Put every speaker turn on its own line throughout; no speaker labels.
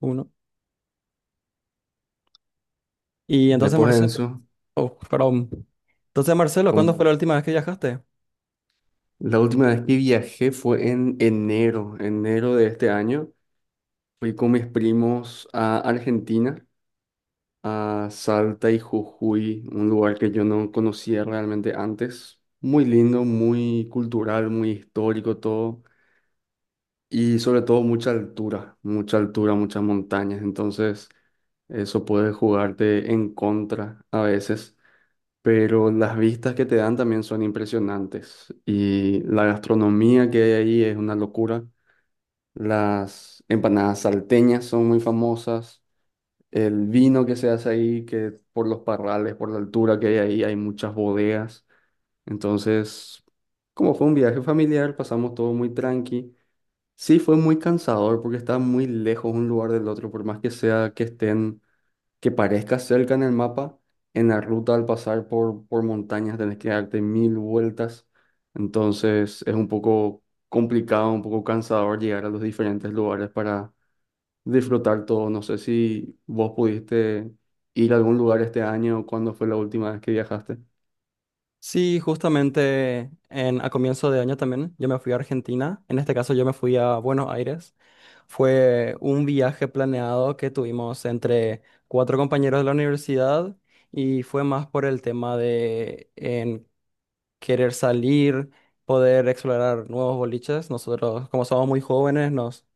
Uno. Y entonces,
Después de
Marcelo,
eso,
oh, perdón. Entonces, Marcelo, ¿cuándo fue
con-
la última vez que viajaste?
la última vez que viajé fue en enero, enero de este año. Fui con mis primos a Argentina, a Salta y Jujuy, un lugar que yo no conocía realmente antes. Muy lindo, muy cultural, muy histórico todo. Y sobre todo mucha altura, muchas montañas. Entonces, eso puede jugarte en contra a veces, pero las vistas que te dan también son impresionantes y la gastronomía que hay ahí es una locura. Las empanadas salteñas son muy famosas, el vino que se hace ahí, que por los parrales, por la altura que hay ahí, hay muchas bodegas. Entonces, como fue un viaje familiar, pasamos todo muy tranqui. Sí, fue muy cansador porque está muy lejos un lugar del otro, por más que sea que estén, que parezca cerca en el mapa, en la ruta al pasar por montañas tenés que darte mil vueltas. Entonces es un poco complicado, un poco cansador llegar a los diferentes lugares para disfrutar todo. No sé si vos pudiste ir a algún lugar este año o cuándo fue la última vez que viajaste.
Sí, justamente a comienzo de año también, yo me fui a Argentina, en este caso yo me fui a Buenos Aires. Fue un viaje planeado que tuvimos entre cuatro compañeros de la universidad y fue más por el tema de en querer salir, poder explorar nuevos boliches. Nosotros, como somos muy jóvenes, nos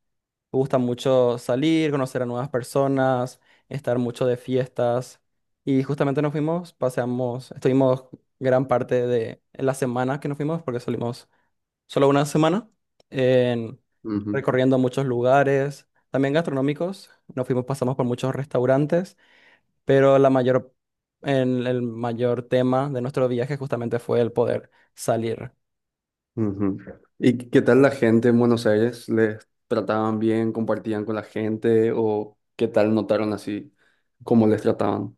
me gusta mucho salir, conocer a nuevas personas, estar mucho de fiestas. Y justamente nos fuimos, paseamos, estuvimos gran parte de la semana que nos fuimos, porque salimos solo una semana, en-
Ujú,
recorriendo muchos lugares, también gastronómicos. Nos fuimos, pasamos por muchos restaurantes, pero la mayor, el mayor tema de nuestro viaje justamente fue el poder salir.
ujú. ¿Y qué tal la gente en Buenos Aires? ¿Les trataban bien, compartían con la gente o qué tal notaron así cómo les trataban?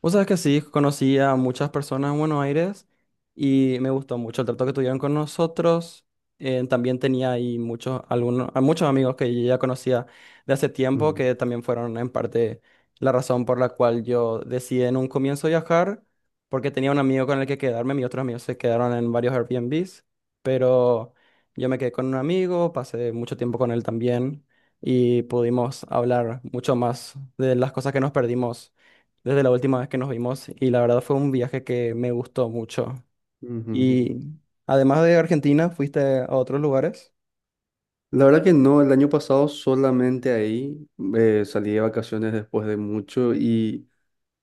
Vos sabés que sí, conocí a muchas personas en Buenos Aires y me gustó mucho el trato que tuvieron con nosotros. También tenía ahí muchos, algunos, a muchos amigos que yo ya conocía de hace tiempo
Ujú,
que también fueron en parte la razón por la cual yo decidí en un comienzo viajar, porque tenía un amigo con el que quedarme, mis otros amigos se quedaron en varios Airbnbs, pero yo me quedé con un amigo, pasé mucho tiempo con él también y pudimos hablar mucho más de las cosas que nos perdimos desde la última vez que nos vimos y la verdad fue un viaje que me gustó mucho.
ujú.
Y además de Argentina, ¿fuiste a otros lugares?
La verdad que no, el año pasado solamente ahí salí de vacaciones después de mucho y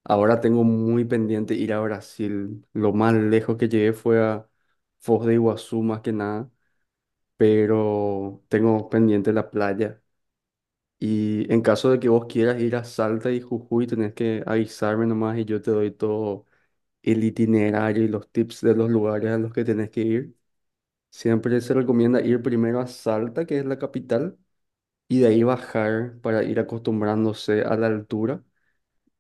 ahora tengo muy pendiente ir a Brasil. Lo más lejos que llegué fue a Foz de Iguazú más que nada, pero tengo pendiente la playa. Y en caso de que vos quieras ir a Salta y Jujuy, tenés que avisarme nomás y yo te doy todo el itinerario y los tips de los lugares a los que tenés que ir. Siempre se recomienda ir primero a Salta, que es la capital, y de ahí bajar para ir acostumbrándose a la altura.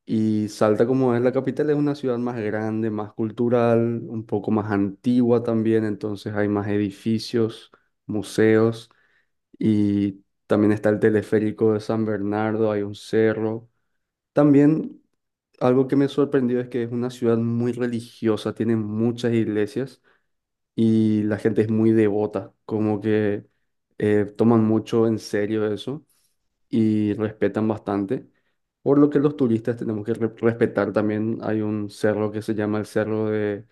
Y Salta, como es la capital, es una ciudad más grande, más cultural, un poco más antigua también, entonces hay más edificios, museos, y también está el teleférico de San Bernardo, hay un cerro. También algo que me sorprendió es que es una ciudad muy religiosa, tiene muchas iglesias y la gente es muy devota, como que toman mucho en serio eso y respetan bastante. Por lo que los turistas tenemos que respetar también. Hay un cerro que se llama el Cerro de,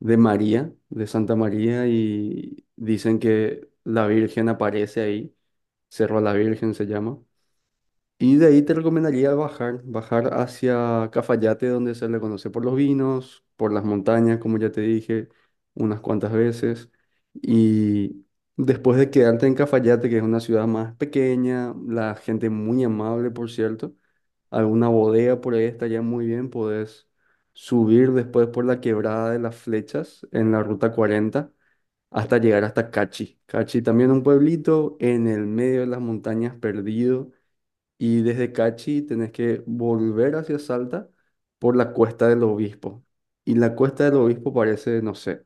de María, de Santa María, y dicen que la Virgen aparece ahí. Cerro a la Virgen se llama. Y de ahí te recomendaría bajar, bajar hacia Cafayate, donde se le conoce por los vinos, por las montañas, como ya te dije unas cuantas veces. Y después de quedarte en Cafayate, que es una ciudad más pequeña, la gente muy amable, por cierto, alguna bodega por ahí estaría muy bien, podés subir después por la quebrada de las flechas en la ruta 40 hasta llegar hasta Cachi. Cachi también un pueblito en el medio de las montañas perdido, y desde Cachi tenés que volver hacia Salta por la Cuesta del Obispo. Y la Cuesta del Obispo parece, no sé,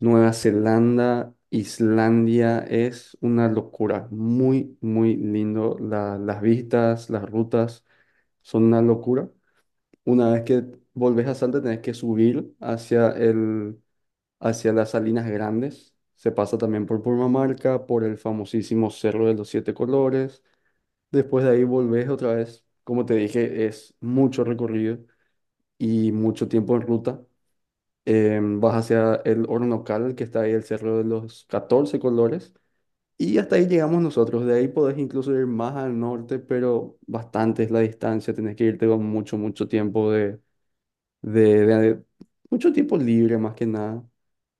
Nueva Zelanda, Islandia, es una locura. Muy, muy lindo. Las vistas, las rutas son una locura. Una vez que volvés a Salta tenés que subir hacia el, hacia las Salinas Grandes. Se pasa también por Purmamarca, por el famosísimo Cerro de los Siete Colores. Después de ahí volvés otra vez. Como te dije, es mucho recorrido y mucho tiempo en ruta. Vas hacia el Hornocal, que está ahí el Cerro de los 14 Colores. Y hasta ahí llegamos nosotros. De ahí podés incluso ir más al norte, pero bastante es la distancia. Tenés que irte con mucho, mucho tiempo de mucho tiempo libre más que nada.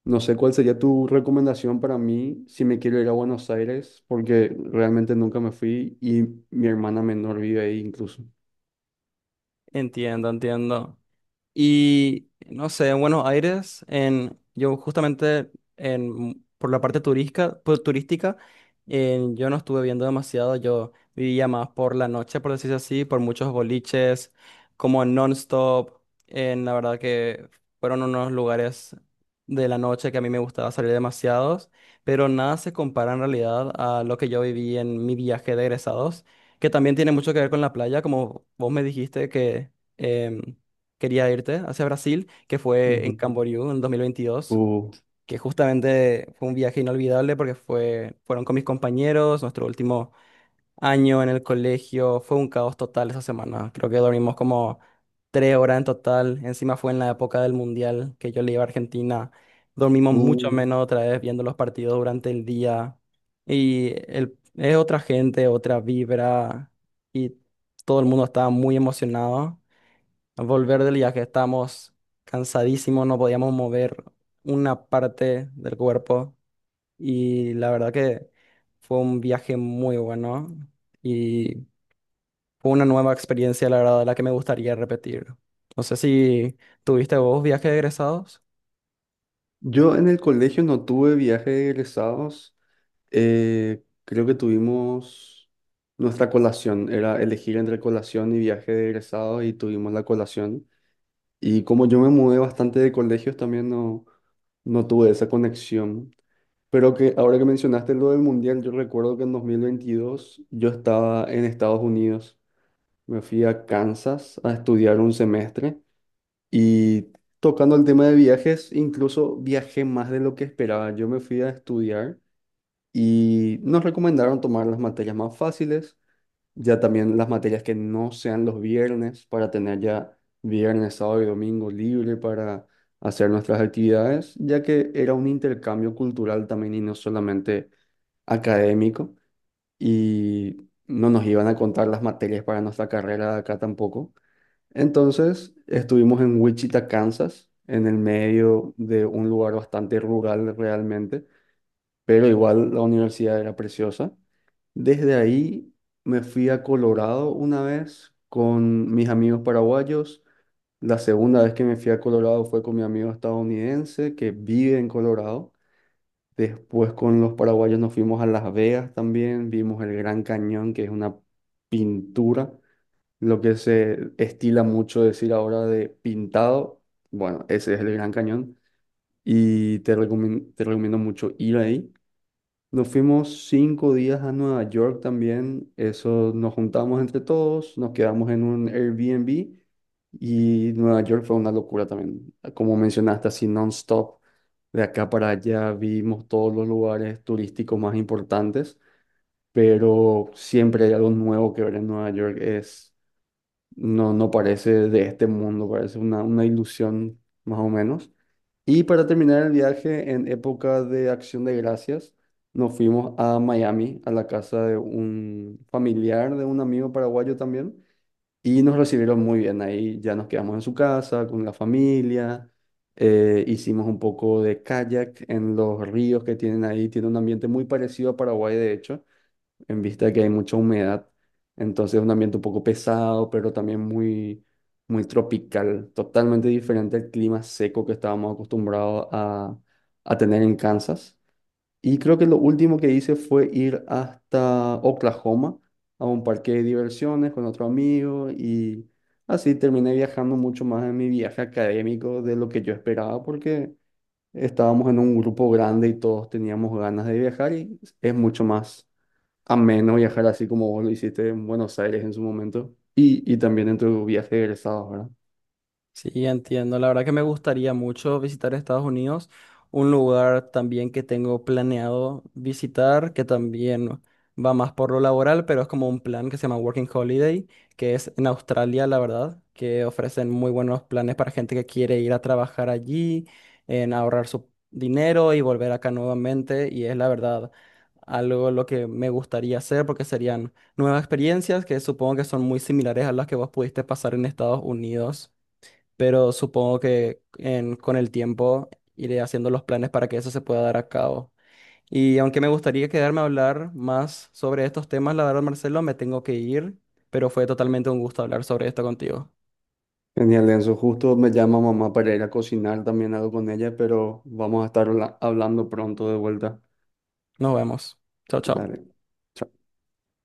No sé cuál sería tu recomendación para mí si me quiero ir a Buenos Aires, porque realmente nunca me fui y mi hermana menor vive ahí incluso.
Entiendo, entiendo. Y no sé, en Buenos Aires, yo justamente por la parte turística, turística yo no estuve viendo demasiado, yo vivía más por la noche, por decirlo así, por muchos boliches, como en non-stop, en la verdad que fueron unos lugares de la noche que a mí me gustaba salir demasiados, pero nada se compara en realidad a lo que yo viví en mi viaje de egresados, que también tiene mucho que ver con la playa, como vos me dijiste que... em, quería irte hacia Brasil, que fue en
Ujú.
Camboriú en 2022,
Uh,
que justamente fue un viaje inolvidable porque fue, fueron con mis compañeros, nuestro último año en el colegio, fue un caos total esa semana, creo que dormimos como 3 horas en total, encima fue en la época del Mundial que yo le iba a Argentina, dormimos mucho
uh.
menos otra vez viendo los partidos durante el día y el, es otra gente, otra vibra y todo el mundo estaba muy emocionado volver del viaje, estábamos cansadísimos, no podíamos mover una parte del cuerpo y la verdad que fue un viaje muy bueno y fue una nueva experiencia, la verdad, la que me gustaría repetir. No sé si tuviste vos viajes de egresados.
Yo en el colegio no tuve viaje de egresados. Creo que tuvimos nuestra colación, era elegir entre colación y viaje de egresados y tuvimos la colación. Y como yo me mudé bastante de colegios, también no, no tuve esa conexión. Pero que ahora que mencionaste lo del mundial, yo recuerdo que en 2022 yo estaba en Estados Unidos. Me fui a Kansas a estudiar un semestre y, tocando el tema de viajes, incluso viajé más de lo que esperaba. Yo me fui a estudiar y nos recomendaron tomar las materias más fáciles, ya también las materias que no sean los viernes para tener ya viernes, sábado y domingo libre para hacer nuestras actividades, ya que era un intercambio cultural también y no solamente académico, y no nos iban a contar las materias para nuestra carrera de acá tampoco. Entonces estuvimos en Wichita, Kansas, en el medio de un lugar bastante rural realmente, pero igual la universidad era preciosa. Desde ahí me fui a Colorado una vez con mis amigos paraguayos. La segunda vez que me fui a Colorado fue con mi amigo estadounidense que vive en Colorado. Después con los paraguayos nos fuimos a Las Vegas también, vimos el Gran Cañón, que es una pintura, lo que se estila mucho decir ahora de pintado. Bueno, ese es el Gran Cañón y te recomiendo mucho ir ahí. Nos fuimos 5 días a Nueva York también. Eso nos juntamos entre todos, nos quedamos en un Airbnb y Nueva York fue una locura también. Como mencionaste, así non-stop, de acá para allá vimos todos los lugares turísticos más importantes, pero siempre hay algo nuevo que ver en Nueva York. Es, no, no parece de este mundo, parece una ilusión más o menos. Y para terminar el viaje, en época de Acción de Gracias, nos fuimos a Miami, a la casa de un familiar de un amigo paraguayo también, y nos recibieron muy bien. Ahí ya nos quedamos en su casa con la familia, hicimos un poco de kayak en los ríos que tienen ahí, tiene un ambiente muy parecido a Paraguay, de hecho, en vista de que hay mucha humedad. Entonces es un ambiente un poco pesado, pero también muy, muy tropical, totalmente diferente al clima seco que estábamos acostumbrados a tener en Kansas. Y creo que lo último que hice fue ir hasta Oklahoma a un parque de diversiones con otro amigo, y así terminé viajando mucho más en mi viaje académico de lo que yo esperaba porque estábamos en un grupo grande y todos teníamos ganas de viajar y es mucho más ameno viajar así como vos lo hiciste en Buenos Aires en su momento y también en tu viaje de egresados, ¿verdad?
Sí, entiendo. La verdad que me gustaría mucho visitar Estados Unidos, un lugar también que tengo planeado visitar, que también va más por lo laboral, pero es como un plan que se llama Working Holiday, que es en Australia, la verdad, que ofrecen muy buenos planes para gente que quiere ir a trabajar allí, en ahorrar su dinero y volver acá nuevamente. Y es la verdad algo lo que me gustaría hacer porque serían nuevas experiencias que supongo que son muy similares a las que vos pudiste pasar en Estados Unidos, pero supongo que con el tiempo iré haciendo los planes para que eso se pueda dar a cabo. Y aunque me gustaría quedarme a hablar más sobre estos temas, la verdad, Marcelo, me tengo que ir, pero fue totalmente un gusto hablar sobre esto contigo.
Genial, Enzo. Justo me llama mamá para ir a cocinar también algo con ella, pero vamos a estar hablando pronto de vuelta.
Nos vemos. Chao, chao.
Dale. Chao.